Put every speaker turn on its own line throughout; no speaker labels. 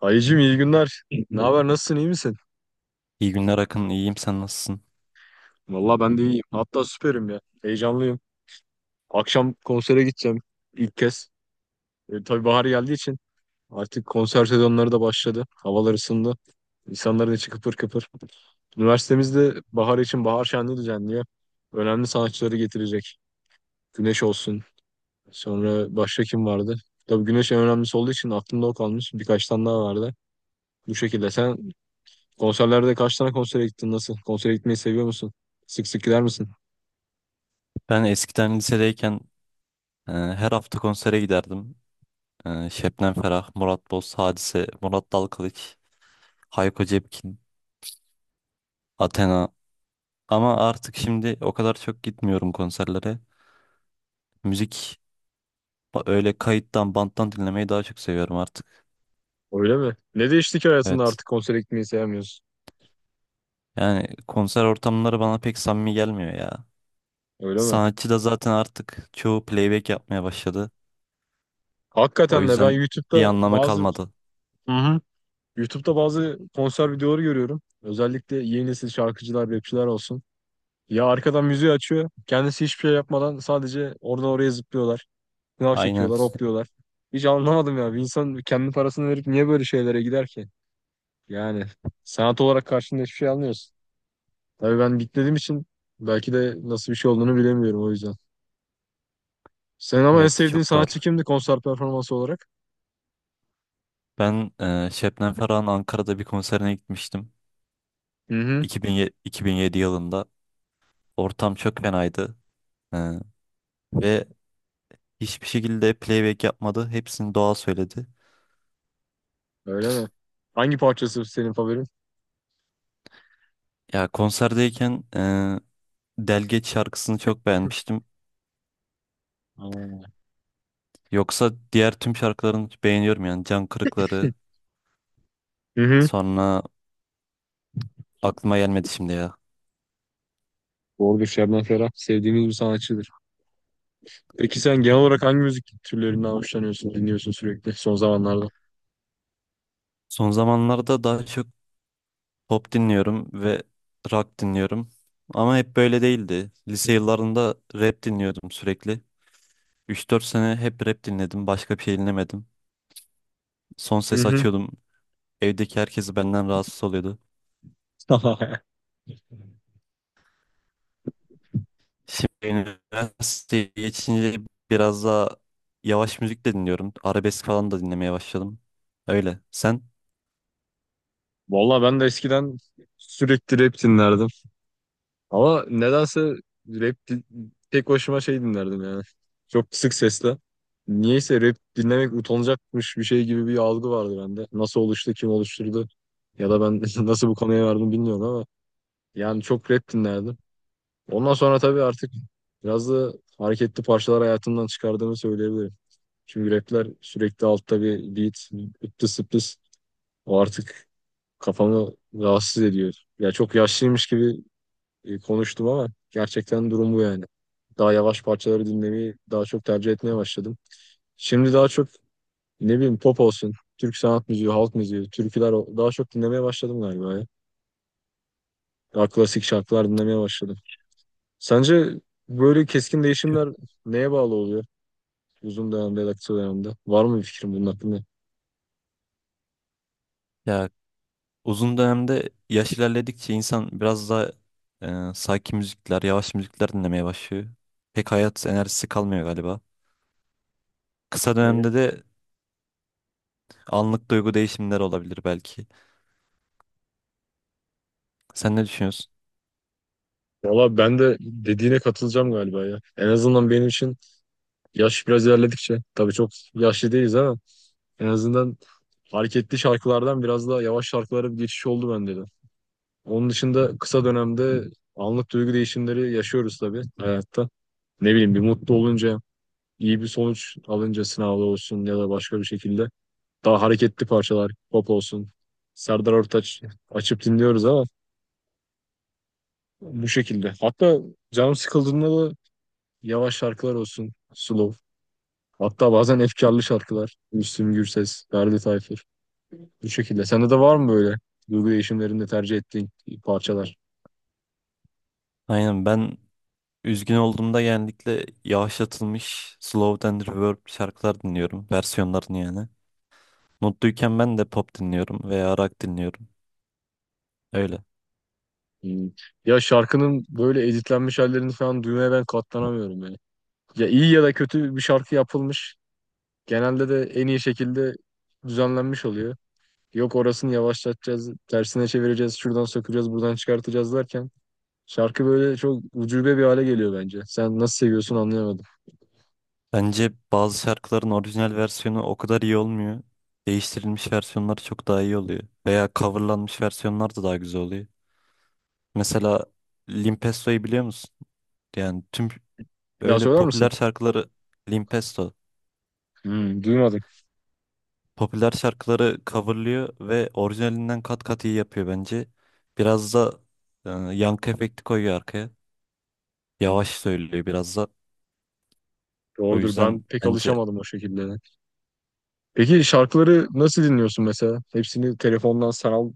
Ayıcım, iyi günler. Ne haber? Nasılsın? İyi misin?
İyi günler Akın, iyiyim sen nasılsın?
Valla ben de iyiyim. Hatta süperim ya. Heyecanlıyım. Akşam konsere gideceğim ilk kez. Tabii bahar geldiği için artık konser sezonları da başladı. Havalar ısındı. İnsanların içi kıpır kıpır. Üniversitemizde bahar için bahar şenliği düzenliyor. Önemli sanatçıları getirecek. Güneş olsun. Sonra başka kim vardı? Tabii Güneş en önemlisi olduğu için aklımda o kalmış. Birkaç tane daha vardı. Bu şekilde. Sen konserlerde kaç tane konsere gittin? Nasıl? Konsere gitmeyi seviyor musun? Sık sık gider misin?
Ben eskiden lisedeyken her hafta konsere giderdim. Şebnem Ferah, Murat Boz, Hadise, Murat Dalkılıç, Hayko Cepkin, Athena. Ama artık şimdi o kadar çok gitmiyorum konserlere. Müzik öyle kayıttan, banttan dinlemeyi daha çok seviyorum artık.
Öyle mi? Ne değişti ki hayatında
Evet.
artık konsere gitmeyi sevmiyorsun?
Yani konser ortamları bana pek samimi gelmiyor ya.
Öyle mi?
Sanatçı da zaten artık çoğu playback yapmaya başladı. O
Hakikaten de ben
yüzden bir
YouTube'da
anlamı
bazı.
kalmadı.
Hı hı. YouTube'da bazı konser videoları görüyorum. Özellikle yeni nesil şarkıcılar, rapçiler olsun. Ya arkadan müziği açıyor. Kendisi hiçbir şey yapmadan sadece oradan oraya zıplıyorlar. Sınav
Aynen.
çekiyorlar, hopluyorlar. Hiç anlamadım ya. Bir insan kendi parasını verip niye böyle şeylere gider ki? Yani sanat olarak karşında hiçbir şey almıyorsun. Tabii ben bitmediğim için belki de nasıl bir şey olduğunu bilemiyorum o yüzden. Senin ama en
Evet,
sevdiğin
çok doğru.
sanatçı kimdi konser performansı olarak?
Ben Şebnem Ferah'ın Ankara'da bir konserine gitmiştim.
Hı hı.
2007, 2007 yılında. Ortam çok fenaydı. E, ve hiçbir şekilde playback yapmadı. Hepsini doğal söyledi.
Öyle mi? Hangi parçası senin favorin?
Ya konserdeyken Delgeç şarkısını çok beğenmiştim.
Aa.
Yoksa diğer tüm şarkılarını beğeniyorum yani. Can Kırıkları,
Hı hı.
sonra aklıma gelmedi şimdi ya.
Doğrudur Şebnem Ferah. Sevdiğimiz bir sanatçıdır. Peki sen genel olarak hangi müzik türlerinden hoşlanıyorsun, dinliyorsun sürekli son zamanlarda?
Son zamanlarda daha çok pop dinliyorum ve rock dinliyorum. Ama hep böyle değildi. Lise yıllarında rap dinliyordum sürekli. Üç dört sene hep rap dinledim. Başka bir şey dinlemedim. Son
Hı
ses
hı.
açıyordum. Evdeki herkesi benden rahatsız oluyordu. Şimdi üniversiteye geçince biraz daha yavaş müzik de dinliyorum. Arabesk falan da dinlemeye başladım. Öyle. Sen?
Vallahi ben de eskiden sürekli rap dinlerdim. Ama nedense rap di- tek başıma şey dinlerdim yani. Çok kısık sesle. Niyeyse rap dinlemek utanacakmış bir şey gibi bir algı vardı bende. Nasıl oluştu, kim oluşturdu ya da ben nasıl bu konuya vardım bilmiyorum ama yani çok rap dinlerdim. Ondan sonra tabii artık biraz da hareketli parçalar hayatımdan çıkardığımı söyleyebilirim. Çünkü rapler sürekli altta bir beat, ıptı sıptı. O artık kafamı rahatsız ediyor. Ya çok yaşlıymış gibi konuştum ama gerçekten durum bu yani. Daha yavaş parçaları dinlemeyi daha çok tercih etmeye başladım. Şimdi daha çok ne bileyim pop olsun, Türk sanat müziği, halk müziği, türküler daha çok dinlemeye başladım galiba ya. Daha klasik şarkılar dinlemeye başladım. Sence böyle keskin değişimler neye bağlı oluyor? Uzun dönemde ya da kısa dönemde. Var mı bir fikrin bunun hakkında?
Ya uzun dönemde yaş ilerledikçe insan biraz daha sakin müzikler, yavaş müzikler dinlemeye başlıyor. Pek hayat enerjisi kalmıyor galiba. Kısa
Evet.
dönemde de anlık duygu değişimleri olabilir belki. Sen ne düşünüyorsun?
Valla ben de dediğine katılacağım galiba ya. En azından benim için yaş biraz ilerledikçe, tabii çok yaşlı değiliz ama en azından hareketli şarkılardan biraz daha yavaş şarkılara bir geçiş oldu bende de. Onun dışında kısa dönemde anlık duygu değişimleri yaşıyoruz tabii hayatta. Ne bileyim bir mutlu olunca, iyi bir sonuç alınca sınavda olsun ya da başka bir şekilde daha hareketli parçalar, pop olsun. Serdar Ortaç açıp dinliyoruz ama bu şekilde. Hatta canım sıkıldığında da yavaş şarkılar olsun, slow. Hatta bazen efkarlı şarkılar. Müslüm Gürses, Ferdi Tayfur. Bu şekilde. Sende de var mı böyle duygu değişimlerinde tercih ettiğin parçalar?
Aynen, ben üzgün olduğumda genellikle yavaşlatılmış slow and reverb şarkılar dinliyorum. Versiyonlarını yani. Mutluyken ben de pop dinliyorum veya rock dinliyorum. Öyle.
Hmm. Ya şarkının böyle editlenmiş hallerini falan duymaya ben katlanamıyorum yani. Ya iyi ya da kötü bir şarkı yapılmış. Genelde de en iyi şekilde düzenlenmiş oluyor. Yok orasını yavaşlatacağız, tersine çevireceğiz, şuradan sökeceğiz, buradan çıkartacağız derken şarkı böyle çok ucube bir hale geliyor bence. Sen nasıl seviyorsun anlayamadım.
Bence bazı şarkıların orijinal versiyonu o kadar iyi olmuyor. Değiştirilmiş versiyonları çok daha iyi oluyor. Veya coverlanmış versiyonlar da daha güzel oluyor. Mesela Limp Bizkit'yi biliyor musun? Yani tüm
Bir daha
öyle
söyler misin?
popüler şarkıları. Limp Bizkit.
Hmm, duymadım.
Popüler şarkıları coverlıyor ve orijinalinden kat kat iyi yapıyor bence. Biraz da yankı efekti koyuyor arkaya. Yavaş söylüyor biraz da. O
Doğrudur.
yüzden
Ben pek
bence
alışamadım o şekilde. Peki şarkıları nasıl dinliyorsun mesela? Hepsini telefondan, sanal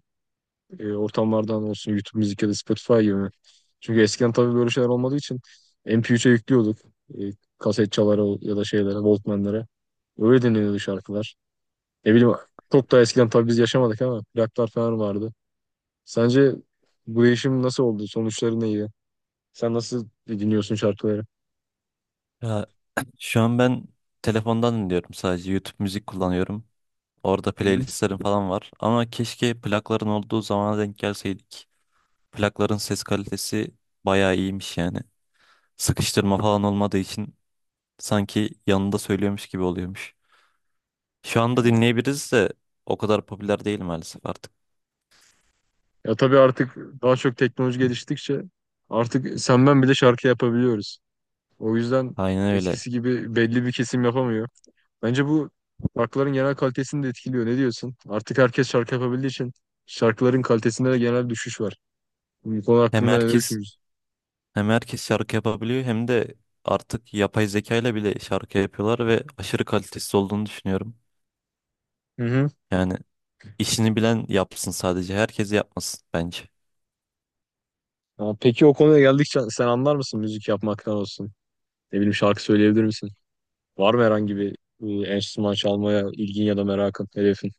ortamlardan olsun, YouTube Müzik ya da Spotify gibi mi? Çünkü eskiden tabii böyle şeyler olmadığı için MP3'e yüklüyorduk. E, Kaset çalara ya da şeylere, Walkman'lara. Öyle dinleniyordu şarkılar. Ne bileyim çok da eskiden tabii biz yaşamadık ama plaklar falan vardı. Sence bu değişim nasıl oldu? Sonuçları neydi? Sen nasıl dinliyorsun şarkıları?
ya, şu an ben telefondan dinliyorum sadece. YouTube müzik kullanıyorum. Orada
Hı-hı.
playlistlerim falan var. Ama keşke plakların olduğu zamana denk gelseydik. Plakların ses kalitesi bayağı iyiymiş yani. Sıkıştırma falan olmadığı için sanki yanında söylüyormuş gibi oluyormuş. Şu anda dinleyebiliriz de o kadar popüler değil maalesef artık.
Ya tabii artık daha çok teknoloji geliştikçe artık sen ben bile şarkı yapabiliyoruz. O yüzden
Aynen öyle.
eskisi gibi belli bir kesim yapamıyor. Bence bu şarkıların genel kalitesini de etkiliyor. Ne diyorsun? Artık herkes şarkı yapabildiği için şarkıların kalitesinde de genel düşüş var. Bu konu
Hem
hakkında ne
herkes
düşünüyorsun?
hem herkes şarkı yapabiliyor hem de artık yapay zeka ile bile şarkı yapıyorlar ve aşırı kalitesiz olduğunu düşünüyorum.
Hı hı.
Yani işini bilen yapsın sadece. Herkes yapmasın bence.
Ya peki o konuya geldikçe sen anlar mısın müzik yapmaktan olsun? Ne bileyim şarkı söyleyebilir misin? Var mı herhangi bir enstrüman çalmaya ilgin ya da merakın, hedefin?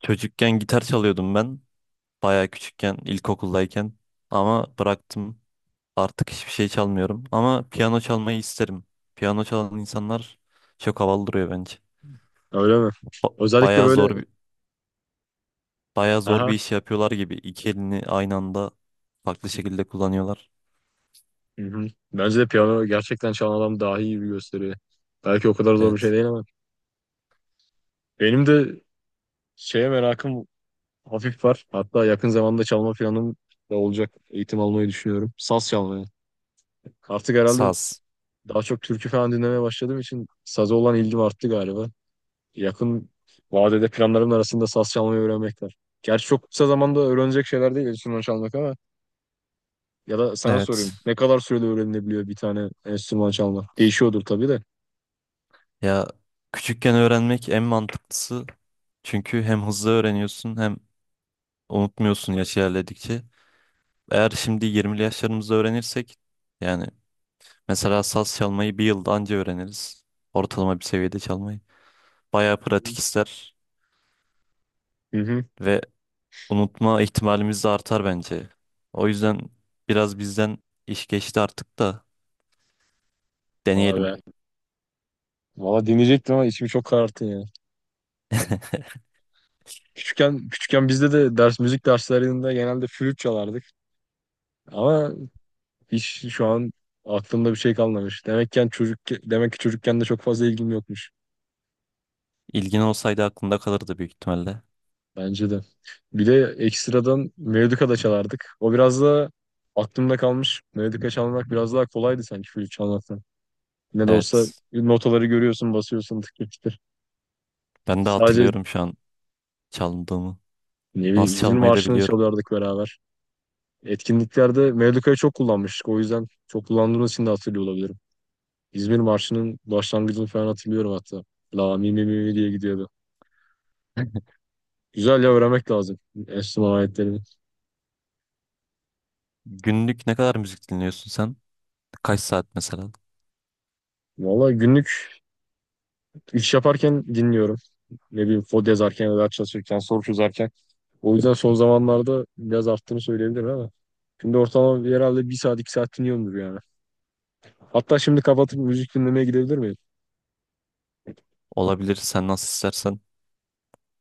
Çocukken gitar çalıyordum ben. Bayağı küçükken, ilkokuldayken. Ama bıraktım. Artık hiçbir şey çalmıyorum. Ama piyano çalmayı isterim. Piyano çalan insanlar çok havalı duruyor bence.
Öyle mi? Özellikle
Bayağı
böyle
zor bir bayağı zor bir
aha
iş yapıyorlar gibi. İki elini aynı anda farklı şekilde kullanıyorlar.
hı hı. Bence de piyano gerçekten çalan adam daha iyi bir gösteriyor. Belki o kadar zor bir şey
Evet.
değil ama benim de şeye merakım hafif var. Hatta yakın zamanda çalma planım da olacak. Eğitim almayı düşünüyorum. Saz çalmaya. Artık herhalde
Saz.
daha çok türkü falan dinlemeye başladığım için saza olan ilgim arttı galiba. Yakın vadede planlarımın arasında saz çalmayı öğrenmek var. Gerçi çok kısa zamanda öğrenecek şeyler değil enstrüman çalmak ama ya da sana sorayım.
Evet.
Ne kadar sürede öğrenilebiliyor bir tane enstrüman çalmak? Değişiyordur tabii de.
Ya küçükken öğrenmek en mantıklısı. Çünkü hem hızlı öğreniyorsun hem unutmuyorsun yaş ilerledikçe. Eğer şimdi 20'li yaşlarımızda öğrenirsek yani mesela saz çalmayı bir yılda anca öğreniriz. Ortalama bir seviyede çalmayı. Bayağı pratik ister
Hı hı.
ve unutma ihtimalimiz de artar bence. O yüzden biraz bizden iş geçti artık da
Vay
deneyelim.
be. Valla dinleyecektim ama içimi çok kararttın ya. Küçükken bizde de ders müzik derslerinde genelde flüt çalardık. Ama hiç şu an aklımda bir şey kalmamış. Demekken çocuk demek ki çocukken de çok fazla ilgim yokmuş.
İlgin olsaydı aklında kalırdı büyük ihtimalle.
Bence de. Bir de ekstradan melodika da çalardık. O biraz da aklımda kalmış. Melodika çalmak biraz daha kolaydı sanki flüt çalmaktan. Ne de olsa
Evet.
notaları görüyorsun, basıyorsun tık tık tık.
Ben de
Sadece
hatırlıyorum şu an çaldığımı.
ne bileyim
Nasıl
İzmir
çalmayı da
Marşı'nı
biliyorum.
çalardık beraber. Etkinliklerde Mevlüka'yı çok kullanmıştık. O yüzden çok kullandığımız için de hatırlıyor olabilirim. İzmir Marşı'nın başlangıcını falan hatırlıyorum hatta. La mi mi mi mi diye gidiyordu. Güzel ya öğrenmek lazım enstrüman aletlerini.
Günlük ne kadar müzik dinliyorsun sen? Kaç saat mesela?
Valla günlük iş yaparken dinliyorum. Ne bileyim kod yazarken ya da çalışırken, soru çözerken. O yüzden son zamanlarda biraz arttığını söyleyebilirim ama. Şimdi ortalama herhalde bir saat iki saat dinliyorumdur yani. Hatta şimdi kapatıp müzik dinlemeye gidebilir miyim?
Olabilir, sen nasıl istersen.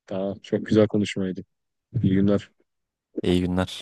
Tamam çok güzel konuşmaydı. İyi günler.
İyi günler.